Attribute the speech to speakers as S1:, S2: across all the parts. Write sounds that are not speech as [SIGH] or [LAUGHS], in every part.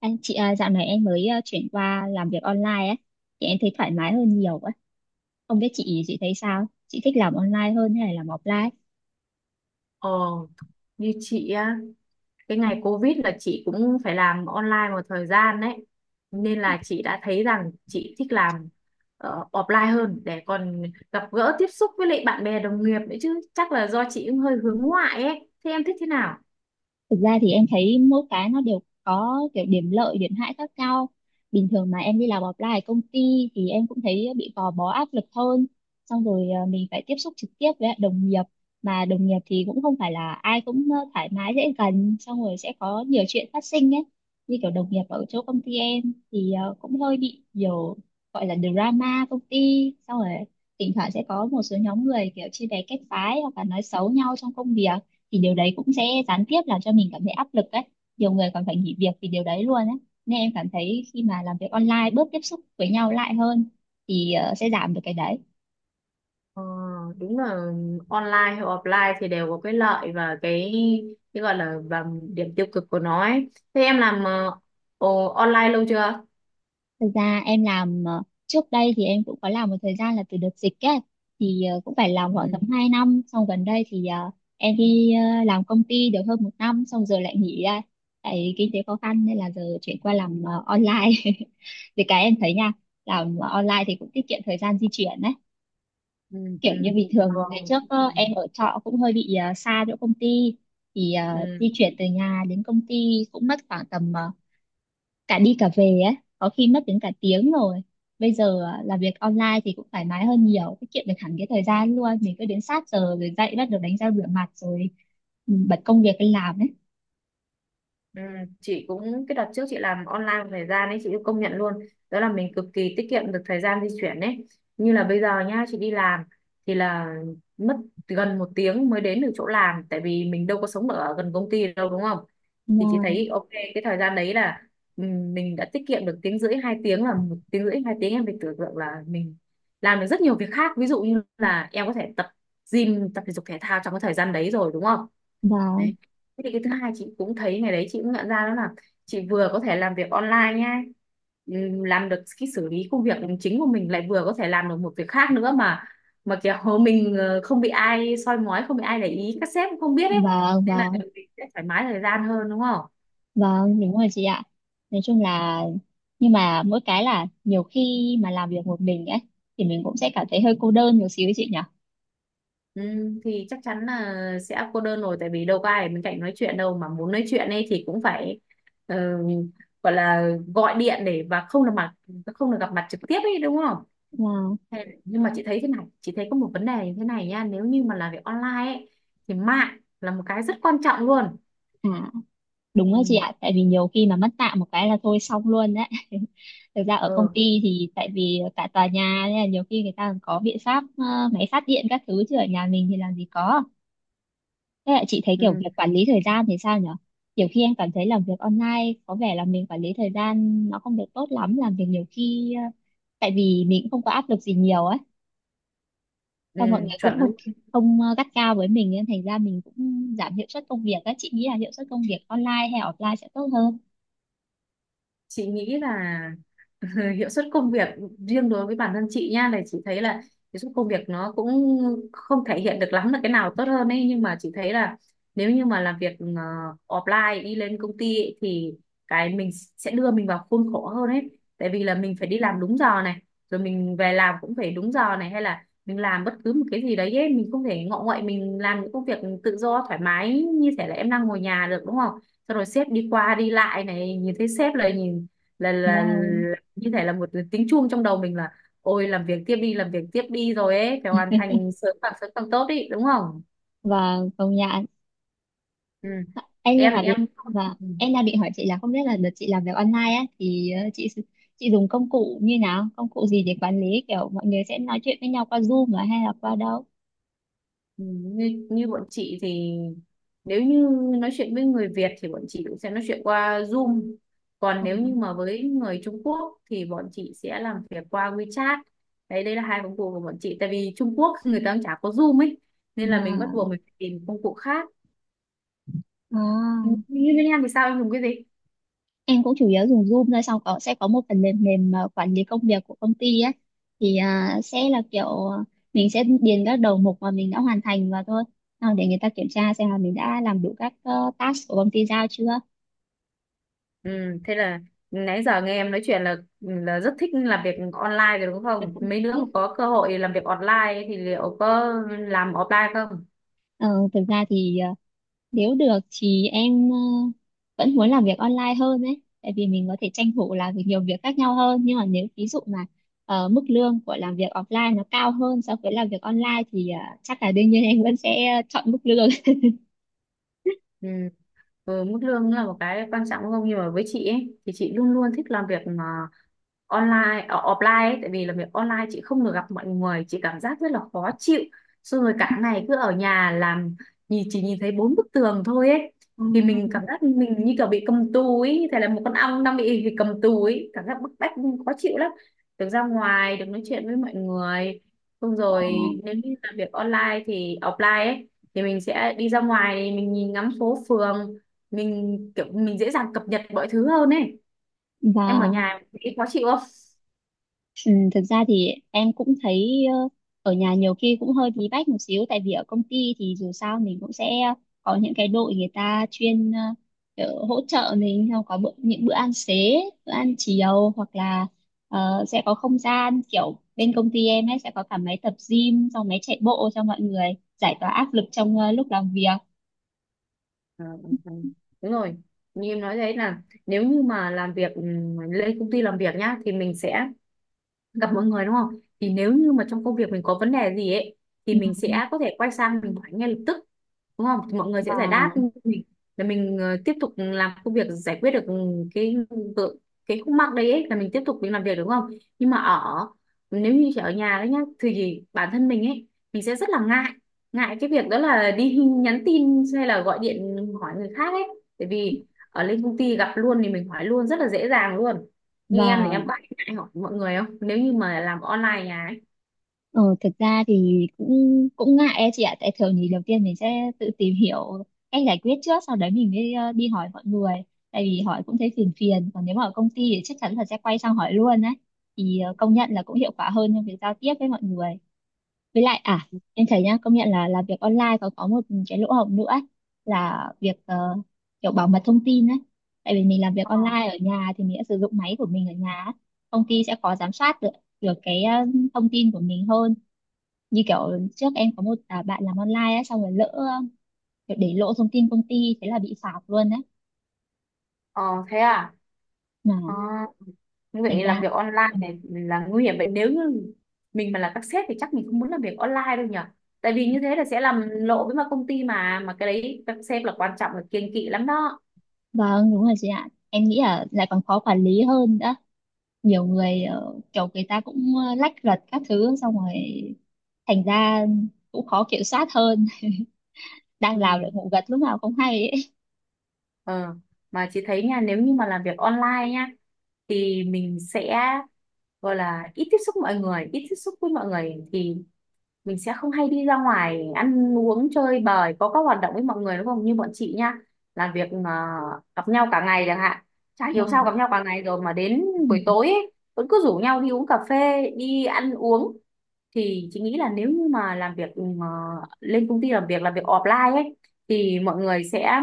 S1: Anh chị à, dạo này em mới chuyển qua làm việc online ấy, thì em thấy thoải mái hơn nhiều ấy. Không biết chị thấy sao? Chị thích làm online hơn hay là làm offline?
S2: Ờ, như chị á, cái ngày Covid là chị cũng phải làm online một thời gian đấy. Nên là chị đã thấy rằng chị thích làm offline hơn để còn gặp gỡ tiếp xúc với lại bạn bè đồng nghiệp nữa chứ. Chắc là do chị cũng hơi hướng ngoại ấy. Thế em thích thế nào?
S1: Thực ra thì em thấy mỗi cái nó đều có kiểu điểm lợi, điểm hại khác nhau. Bình thường mà em đi làm offline ở công ty thì em cũng thấy bị gò bó áp lực hơn. Xong rồi mình phải tiếp xúc trực tiếp với lại đồng nghiệp. Mà đồng nghiệp thì cũng không phải là ai cũng thoải mái dễ gần. Xong rồi sẽ có nhiều chuyện phát sinh ấy. Như kiểu đồng nghiệp ở chỗ công ty em thì cũng hơi bị nhiều gọi là drama công ty. Xong rồi thỉnh thoảng sẽ có một số nhóm người kiểu chia bè kết phái hoặc là nói xấu nhau trong công việc, thì điều đấy cũng sẽ gián tiếp làm cho mình cảm thấy áp lực đấy, nhiều người còn phải nghỉ việc vì điều đấy luôn ấy, nên em cảm thấy khi mà làm việc online bớt tiếp xúc với nhau lại hơn thì sẽ giảm được cái đấy.
S2: Ờ, đúng là online hay offline thì đều có cái lợi và cái gọi là và điểm tiêu cực của nó ấy. Thế em làm online lâu chưa?
S1: Thực ra em làm trước đây thì em cũng có làm một thời gian là từ đợt dịch ấy, thì cũng phải làm khoảng
S2: Ừ,
S1: tầm 2 năm, xong gần đây thì em đi làm công ty được hơn một năm xong giờ lại nghỉ ra, tại kinh tế khó khăn nên là giờ chuyển qua làm online [LAUGHS] vì cái em thấy nha, làm online thì cũng tiết kiệm thời gian di chuyển đấy,
S2: ừ,
S1: kiểu như
S2: ừ.
S1: bình
S2: Được.
S1: thường ngày trước
S2: Ừ.
S1: em ở trọ cũng hơi bị xa chỗ công ty thì
S2: Ừ.
S1: di chuyển từ nhà đến công ty cũng mất khoảng tầm cả đi cả về ấy có khi mất đến cả tiếng rồi, bây giờ làm việc online thì cũng thoải mái hơn nhiều, tiết kiệm được hẳn cái thời gian luôn, mình cứ đến sát giờ rồi dậy bắt đầu đánh răng rửa mặt rồi ừ, bật công việc lên làm ấy.
S2: Ừ, chị cũng cái đợt trước chị làm online một thời gian ấy, chị cũng công nhận luôn đó là mình cực kỳ tiết kiệm được thời gian di chuyển ấy. Như là bây giờ nhá, chị đi làm thì là mất gần một tiếng mới đến được chỗ làm, tại vì mình đâu có sống ở gần công ty đâu, đúng không? Thì chị
S1: Và
S2: thấy ok cái thời gian đấy là mình đã tiết kiệm được tiếng rưỡi hai tiếng. Là một tiếng rưỡi hai tiếng em phải tưởng tượng là mình làm được rất nhiều việc khác, ví dụ như là em có thể tập gym, tập thể dục thể thao trong cái thời gian đấy rồi, đúng không?
S1: và
S2: Đấy. Thế thì cái thứ hai chị cũng thấy ngày đấy chị cũng nhận ra đó là chị vừa có thể làm việc online nhá, làm được cái xử lý công việc chính của mình, lại vừa có thể làm được một việc khác nữa mà kiểu [LAUGHS] mình không bị ai soi mói, không bị ai để ý, các sếp cũng không biết ấy, nên là
S1: và
S2: mình sẽ thoải mái thời gian hơn, đúng không?
S1: Vâng, đúng rồi chị ạ. Nói chung là nhưng mà mỗi cái là nhiều khi mà làm việc một mình ấy thì mình cũng sẽ cảm thấy hơi cô đơn một xíu ấy chị nhỉ.
S2: Thì chắc chắn là sẽ cô đơn rồi, tại vì đâu có ai ở bên cạnh nói chuyện đâu, mà muốn nói chuyện ấy thì cũng phải ờ, gọi là gọi điện để và không được gặp mặt trực tiếp ấy, đúng không?
S1: Wow.
S2: Nhưng mà chị thấy thế này, chị thấy có một vấn đề như thế này nha, nếu như mà làm việc online ấy, thì mạng là một cái rất quan trọng luôn.
S1: À, đúng rồi
S2: Ừ,
S1: chị ạ, tại vì nhiều khi mà mất tạm một cái là thôi xong luôn đấy. [LAUGHS] Thực ra ở công
S2: ừ,
S1: ty thì tại vì cả tòa nhà nên là nhiều khi người ta còn có biện pháp máy phát điện các thứ, chứ ở nhà mình thì làm gì có. Thế là chị thấy kiểu
S2: ừ,
S1: việc quản lý thời gian thì sao nhỉ? Nhiều khi em cảm thấy làm việc online có vẻ là mình quản lý thời gian nó không được tốt lắm, làm việc nhiều khi tại vì mình cũng không có áp lực gì nhiều ấy,
S2: ừ,
S1: xong mọi người cũng
S2: chuẩn
S1: không
S2: luôn.
S1: không gắt cao với mình nên thành ra mình cũng giảm hiệu suất công việc ấy, chị nghĩ là hiệu suất công việc online hay offline sẽ tốt hơn?
S2: Chị nghĩ là [LAUGHS] hiệu suất công việc riêng đối với bản thân chị nha là chị thấy là hiệu suất công việc nó cũng không thể hiện được lắm là cái nào tốt hơn ấy, nhưng mà chị thấy là nếu như mà làm việc offline, đi lên công ty ấy, thì cái mình sẽ đưa mình vào khuôn khổ hơn ấy. Tại vì là mình phải đi làm đúng giờ này, rồi mình về làm cũng phải đúng giờ này, hay là mình làm bất cứ một cái gì đấy ấy, mình không thể ngọ nguậy mình làm những công việc tự do thoải mái như thể là em đang ngồi nhà được, đúng không? Xong rồi sếp đi qua đi lại này, nhìn thấy sếp là nhìn, là, là,
S1: Và
S2: là như thể là một tiếng chuông trong đầu mình là ôi làm việc tiếp đi, làm việc tiếp đi, rồi ấy phải hoàn thành sớm, càng sớm càng tốt ý, đúng không?
S1: và Công nhận
S2: Ừ.
S1: em nhưng
S2: em
S1: mà bị
S2: em
S1: em đang định hỏi chị là không biết là đợt chị làm việc online á thì chị dùng công cụ như nào, công cụ gì để quản lý, kiểu mọi người sẽ nói chuyện với nhau qua Zoom à hay là qua đâu?
S2: Ừ, như bọn chị thì nếu như nói chuyện với người Việt thì bọn chị cũng sẽ nói chuyện qua Zoom, còn
S1: Ừ.
S2: nếu như mà với người Trung Quốc thì bọn chị sẽ làm việc qua WeChat. Đấy, đây là hai công cụ của bọn chị, tại vì Trung Quốc [LAUGHS] người ta cũng chả có Zoom ấy, nên là mình bắt
S1: và
S2: buộc mình phải tìm công cụ khác. Ừ,
S1: à
S2: như bên em thì sao, em dùng cái gì?
S1: Em cũng chủ yếu dùng Zoom thôi, xong có sẽ có một phần mềm mềm quản lý công việc của công ty á, thì sẽ là kiểu à, mình sẽ điền các đầu mục mà mình đã hoàn thành vào thôi, xong để người ta kiểm tra xem là mình đã làm đủ các task của công ty giao chưa.
S2: Ừ, thế là nãy giờ nghe em nói chuyện là rất thích làm việc online rồi đúng không, mấy đứa mà có cơ hội làm việc online thì liệu có làm offline không?
S1: Ờ, thực ra thì nếu được thì em vẫn muốn làm việc online hơn đấy, tại vì mình có thể tranh thủ làm việc nhiều việc khác nhau hơn, nhưng mà nếu ví dụ mà mức lương của làm việc offline nó cao hơn so với làm việc online thì chắc là đương nhiên em vẫn sẽ chọn mức lương.
S2: Ừ. Ừ, mức lương là một cái quan trọng đúng không, nhưng mà với chị ấy thì chị luôn luôn thích làm việc mà online offline ấy, tại vì làm việc online chị không được gặp mọi người, chị cảm giác rất là khó chịu. Xong rồi cả ngày cứ ở nhà làm, nhìn chỉ nhìn thấy bốn bức tường thôi ấy, thì mình
S1: [LAUGHS]
S2: cảm giác mình như kiểu bị cầm tù ấy, như thể là một con ong đang bị cầm tù ấy, cảm giác bức bách khó chịu lắm. Được ra ngoài, được nói chuyện với mọi người, xong
S1: Ờ,
S2: rồi nếu như làm việc online thì offline ấy, thì mình sẽ đi ra ngoài thì mình nhìn ngắm phố phường, mình kiểu mình dễ dàng cập nhật mọi thứ hơn ấy. Em ở
S1: Và
S2: nhà nghĩ khó chịu không?
S1: ừ, thực ra thì em cũng thấy ở nhà nhiều khi cũng hơi bí bách một xíu, tại vì ở công ty thì dù sao mình cũng sẽ có những cái đội người ta chuyên kiểu hỗ trợ mình, xong có bữa, những bữa ăn xế, bữa ăn chiều hoặc là sẽ có không gian kiểu bên công ty em ấy sẽ có cả máy tập gym xong máy chạy bộ cho mọi người giải tỏa áp lực trong lúc làm việc.
S2: Ờ, ừ, ừ. Đúng rồi, như em nói đấy là nếu như mà làm việc ừ, lên công ty làm việc nhá thì mình sẽ gặp mọi người, đúng không? Thì nếu như mà trong công việc mình có vấn đề gì ấy thì
S1: Ừ,
S2: mình sẽ có thể quay sang mình hỏi ngay lập tức, đúng không? Thì mọi người sẽ giải đáp
S1: và
S2: mình, là mình tiếp tục làm công việc, giải quyết được cái vợ- cái khúc mắc đấy ấy, là mình tiếp tục mình làm việc, đúng không? Nhưng mà nếu như chỉ ở nhà đấy nhá thì bản thân mình ấy, mình sẽ rất là ngại ngại cái việc đó là đi [LAUGHS] nhắn tin hay là gọi điện hỏi người khác ấy, bởi vì ở lên công ty gặp luôn thì mình hỏi luôn rất là dễ dàng luôn. Như em thì
S1: và
S2: em có anh hỏi mọi người không nếu như mà làm online nhà ấy?
S1: Ờ, thực ra thì cũng cũng ngại ấy chị ạ, tại thường thì đầu tiên mình sẽ tự tìm hiểu cách giải quyết trước, sau đấy mình mới đi hỏi mọi người, tại vì hỏi cũng thấy phiền phiền, còn nếu mà ở công ty thì chắc chắn là sẽ quay sang hỏi luôn đấy, thì công nhận là cũng hiệu quả hơn trong việc giao tiếp với mọi người. Với lại em thấy nhá công nhận là làm việc online còn có một cái lỗ hổng nữa ấy, là việc kiểu bảo mật thông tin ấy, tại vì mình làm việc
S2: Ờ,
S1: online ở nhà thì mình sẽ sử dụng máy của mình ở nhà ấy. Công ty sẽ khó giám sát được được cái thông tin của mình hơn, như kiểu trước em có một bạn làm online á xong rồi lỡ kiểu để lộ thông tin công ty thế là bị phạt luôn đấy,
S2: ờ, thế à?
S1: mà
S2: Ờ, như
S1: thành
S2: vậy làm
S1: ra
S2: việc online
S1: Ừ,
S2: này là nguy hiểm vậy, nếu như mình mà là các sếp thì chắc mình không muốn làm việc online đâu nhỉ? Tại vì như thế là sẽ làm lộ với mà công ty mà cái đấy các sếp là quan trọng là kiêng kỵ lắm đó.
S1: vâng đúng rồi chị ạ, em nghĩ là lại còn khó quản lý hơn đó, nhiều người kiểu người ta cũng lách luật các thứ xong rồi thành ra cũng khó kiểm soát hơn, đang
S2: Ừ.
S1: làm lại ngủ gật lúc nào không hay ấy.
S2: Ờ, mà chị thấy nha nếu như mà làm việc online nha, thì mình sẽ gọi là ít tiếp xúc mọi người, ít tiếp xúc với mọi người thì mình sẽ không hay đi ra ngoài ăn uống chơi bời, có các hoạt động với mọi người đúng không, như bọn chị nhá là việc mà gặp nhau cả ngày chẳng hạn, chả hiểu
S1: Và
S2: sao gặp nhau cả ngày rồi mà đến
S1: ừ,
S2: buổi tối ấy, vẫn cứ rủ nhau đi uống cà phê, đi ăn uống. Thì chị nghĩ là nếu như mà làm việc ừ, mà lên công ty làm việc offline ấy thì mọi người sẽ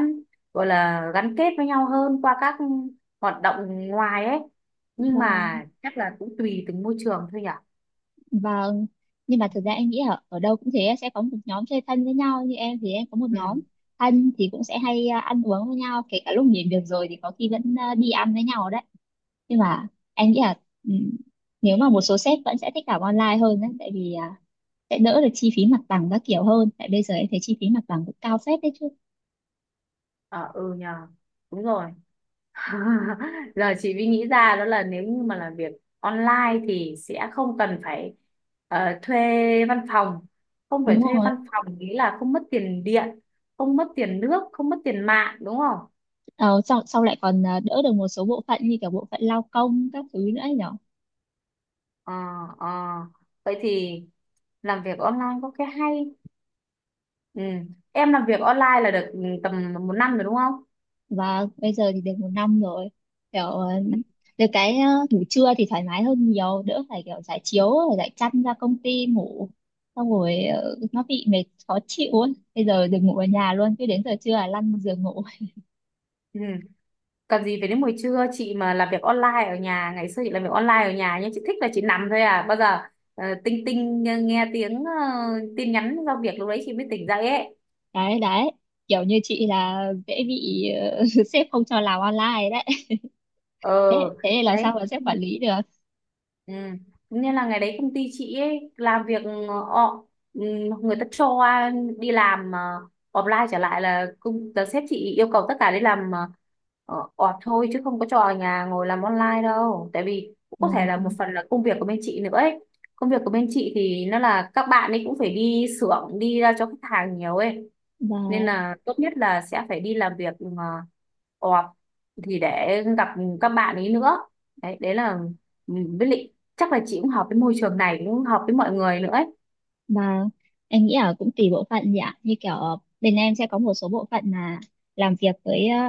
S2: gọi là gắn kết với nhau hơn qua các hoạt động ngoài ấy. Nhưng
S1: và
S2: mà chắc là cũng tùy từng môi trường thôi nhỉ.
S1: Vâng, nhưng mà thực ra em nghĩ ở đâu cũng thế, sẽ có một nhóm chơi thân với nhau, như em thì em có một
S2: Ừ,
S1: nhóm thân thì cũng sẽ hay ăn uống với nhau, kể cả lúc nghỉ việc rồi thì có khi vẫn đi ăn với nhau đấy. Nhưng mà em nghĩ là ừm, nếu mà một số sếp vẫn sẽ thích làm online hơn đấy, tại vì sẽ đỡ được chi phí mặt bằng các kiểu hơn, tại bây giờ em thấy chi phí mặt bằng cũng cao phết đấy chứ.
S2: ờ, ừ nhờ, đúng rồi. [LAUGHS] Giờ chị mới nghĩ ra đó là nếu như mà làm việc online thì sẽ không cần phải thuê văn phòng, không phải
S1: Đúng
S2: thuê
S1: không?
S2: văn phòng nghĩa là không mất tiền điện, không mất tiền nước, không mất tiền mạng, đúng không?
S1: Ờ, Sau lại còn đỡ được một số bộ phận như cả bộ phận lao công các thứ nữa ấy nhỉ.
S2: Ờ, ờ. Vậy thì làm việc online có cái hay. Ừ. Em làm việc online là được tầm một năm rồi đúng không?
S1: Bây giờ thì được một năm rồi, kiểu được cái ngủ trưa thì thoải mái hơn nhiều, đỡ phải kiểu trải chiếu rồi lại chăn ra công ty ngủ, xong rồi nó bị mệt khó chịu ấy. Bây giờ được ngủ ở nhà luôn, cứ đến giờ trưa là lăn giường ngủ. [LAUGHS]
S2: Ừ. Cần gì phải đến buổi trưa, chị mà làm việc online ở nhà ngày xưa chị làm việc online ở nhà nhưng chị thích là chị nằm thôi, à bao giờ tinh tinh, nghe, tiếng tin nhắn giao việc, lúc đấy chị mới tỉnh dậy ấy.
S1: Đấy đấy, kiểu như chị là dễ bị ờ, [LAUGHS] sếp không cho làm online đấy. [LAUGHS] thế
S2: Ờ,
S1: Thế thì làm sao
S2: đấy.
S1: mà sếp quản lý được?
S2: Ừ. Nên là ngày đấy công ty chị ấy làm việc, ọ ừ, người ta cho đi làm offline trở lại, là công là sếp chị yêu cầu tất cả đi làm off thôi, chứ không có cho ở nhà ngồi làm online đâu, tại vì cũng có
S1: và
S2: thể là một phần là công việc của bên chị nữa ấy. Công việc của bên chị thì nó là các bạn ấy cũng phải đi xưởng, đi ra cho khách hàng nhiều ấy, nên
S1: và
S2: là tốt nhất là sẽ phải đi làm việc off, thì để gặp các bạn ấy nữa. Đấy, đấy là ừ, với lại chắc là chị cũng hợp với môi trường này, cũng hợp với mọi người nữa ấy.
S1: Và em nghĩ là cũng tùy bộ phận nhỉ. Như kiểu bên em sẽ có một số bộ phận là làm việc với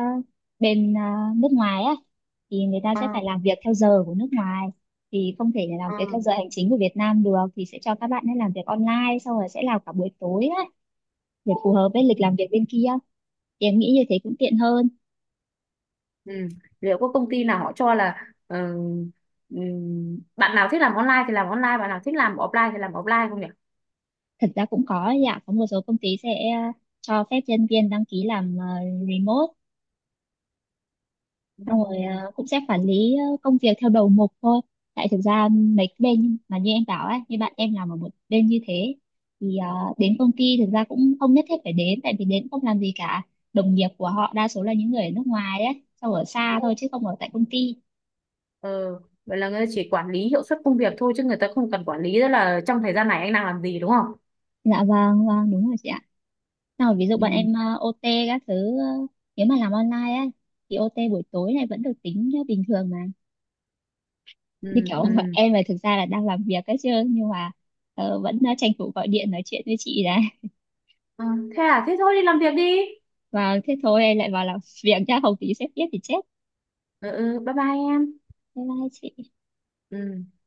S1: bên nước ngoài á, thì người ta
S2: Ờ,
S1: sẽ phải làm việc theo giờ của nước ngoài, thì không thể làm
S2: ờ.
S1: việc theo giờ hành chính của Việt Nam được, thì sẽ cho các bạn ấy làm việc online xong rồi sẽ làm cả buổi tối á để phù hợp với lịch làm việc bên kia, thì em nghĩ như thế cũng tiện hơn.
S2: Ừ. Liệu có công ty nào họ cho là ừ, bạn nào thích làm online thì làm online, bạn nào thích làm offline thì làm offline không nhỉ?
S1: Thật ra cũng có ấy ạ, có một số công ty sẽ cho phép nhân viên đăng ký làm remote, xong rồi
S2: Ừ.
S1: cũng sẽ quản lý công việc theo đầu mục thôi, tại thực ra mấy cái bên mà như em bảo ấy, như bạn em làm ở một bên như thế thì đến công ty thực ra cũng không nhất thiết phải đến, tại vì đến không làm gì cả, đồng nghiệp của họ đa số là những người ở nước ngoài ấy, sau ở xa thôi chứ không ở tại công ty.
S2: Ờ, vậy là người ta chỉ quản lý hiệu suất công việc thôi, chứ người ta không cần quản lý đó là trong thời gian này anh đang làm gì đúng không?
S1: Dạ vâng vâng đúng rồi chị ạ. Xong rồi ví dụ bọn
S2: Ừ.
S1: em OT các thứ nếu mà làm online ấy thì OT buổi tối này vẫn được tính như bình thường mà. Như
S2: Ừ,
S1: kiểu [LAUGHS]
S2: ừ.
S1: em là thực ra là đang làm việc ấy chứ, nhưng mà vẫn tranh thủ gọi điện nói chuyện với chị đã.
S2: Ờ, thế à, thế thôi đi làm việc đi.
S1: Thế thôi em lại vào làm việc nhá, không tí sếp biết thì chết.
S2: Ừ, ừ, bye bye em.
S1: Bye bye chị.
S2: Ừ.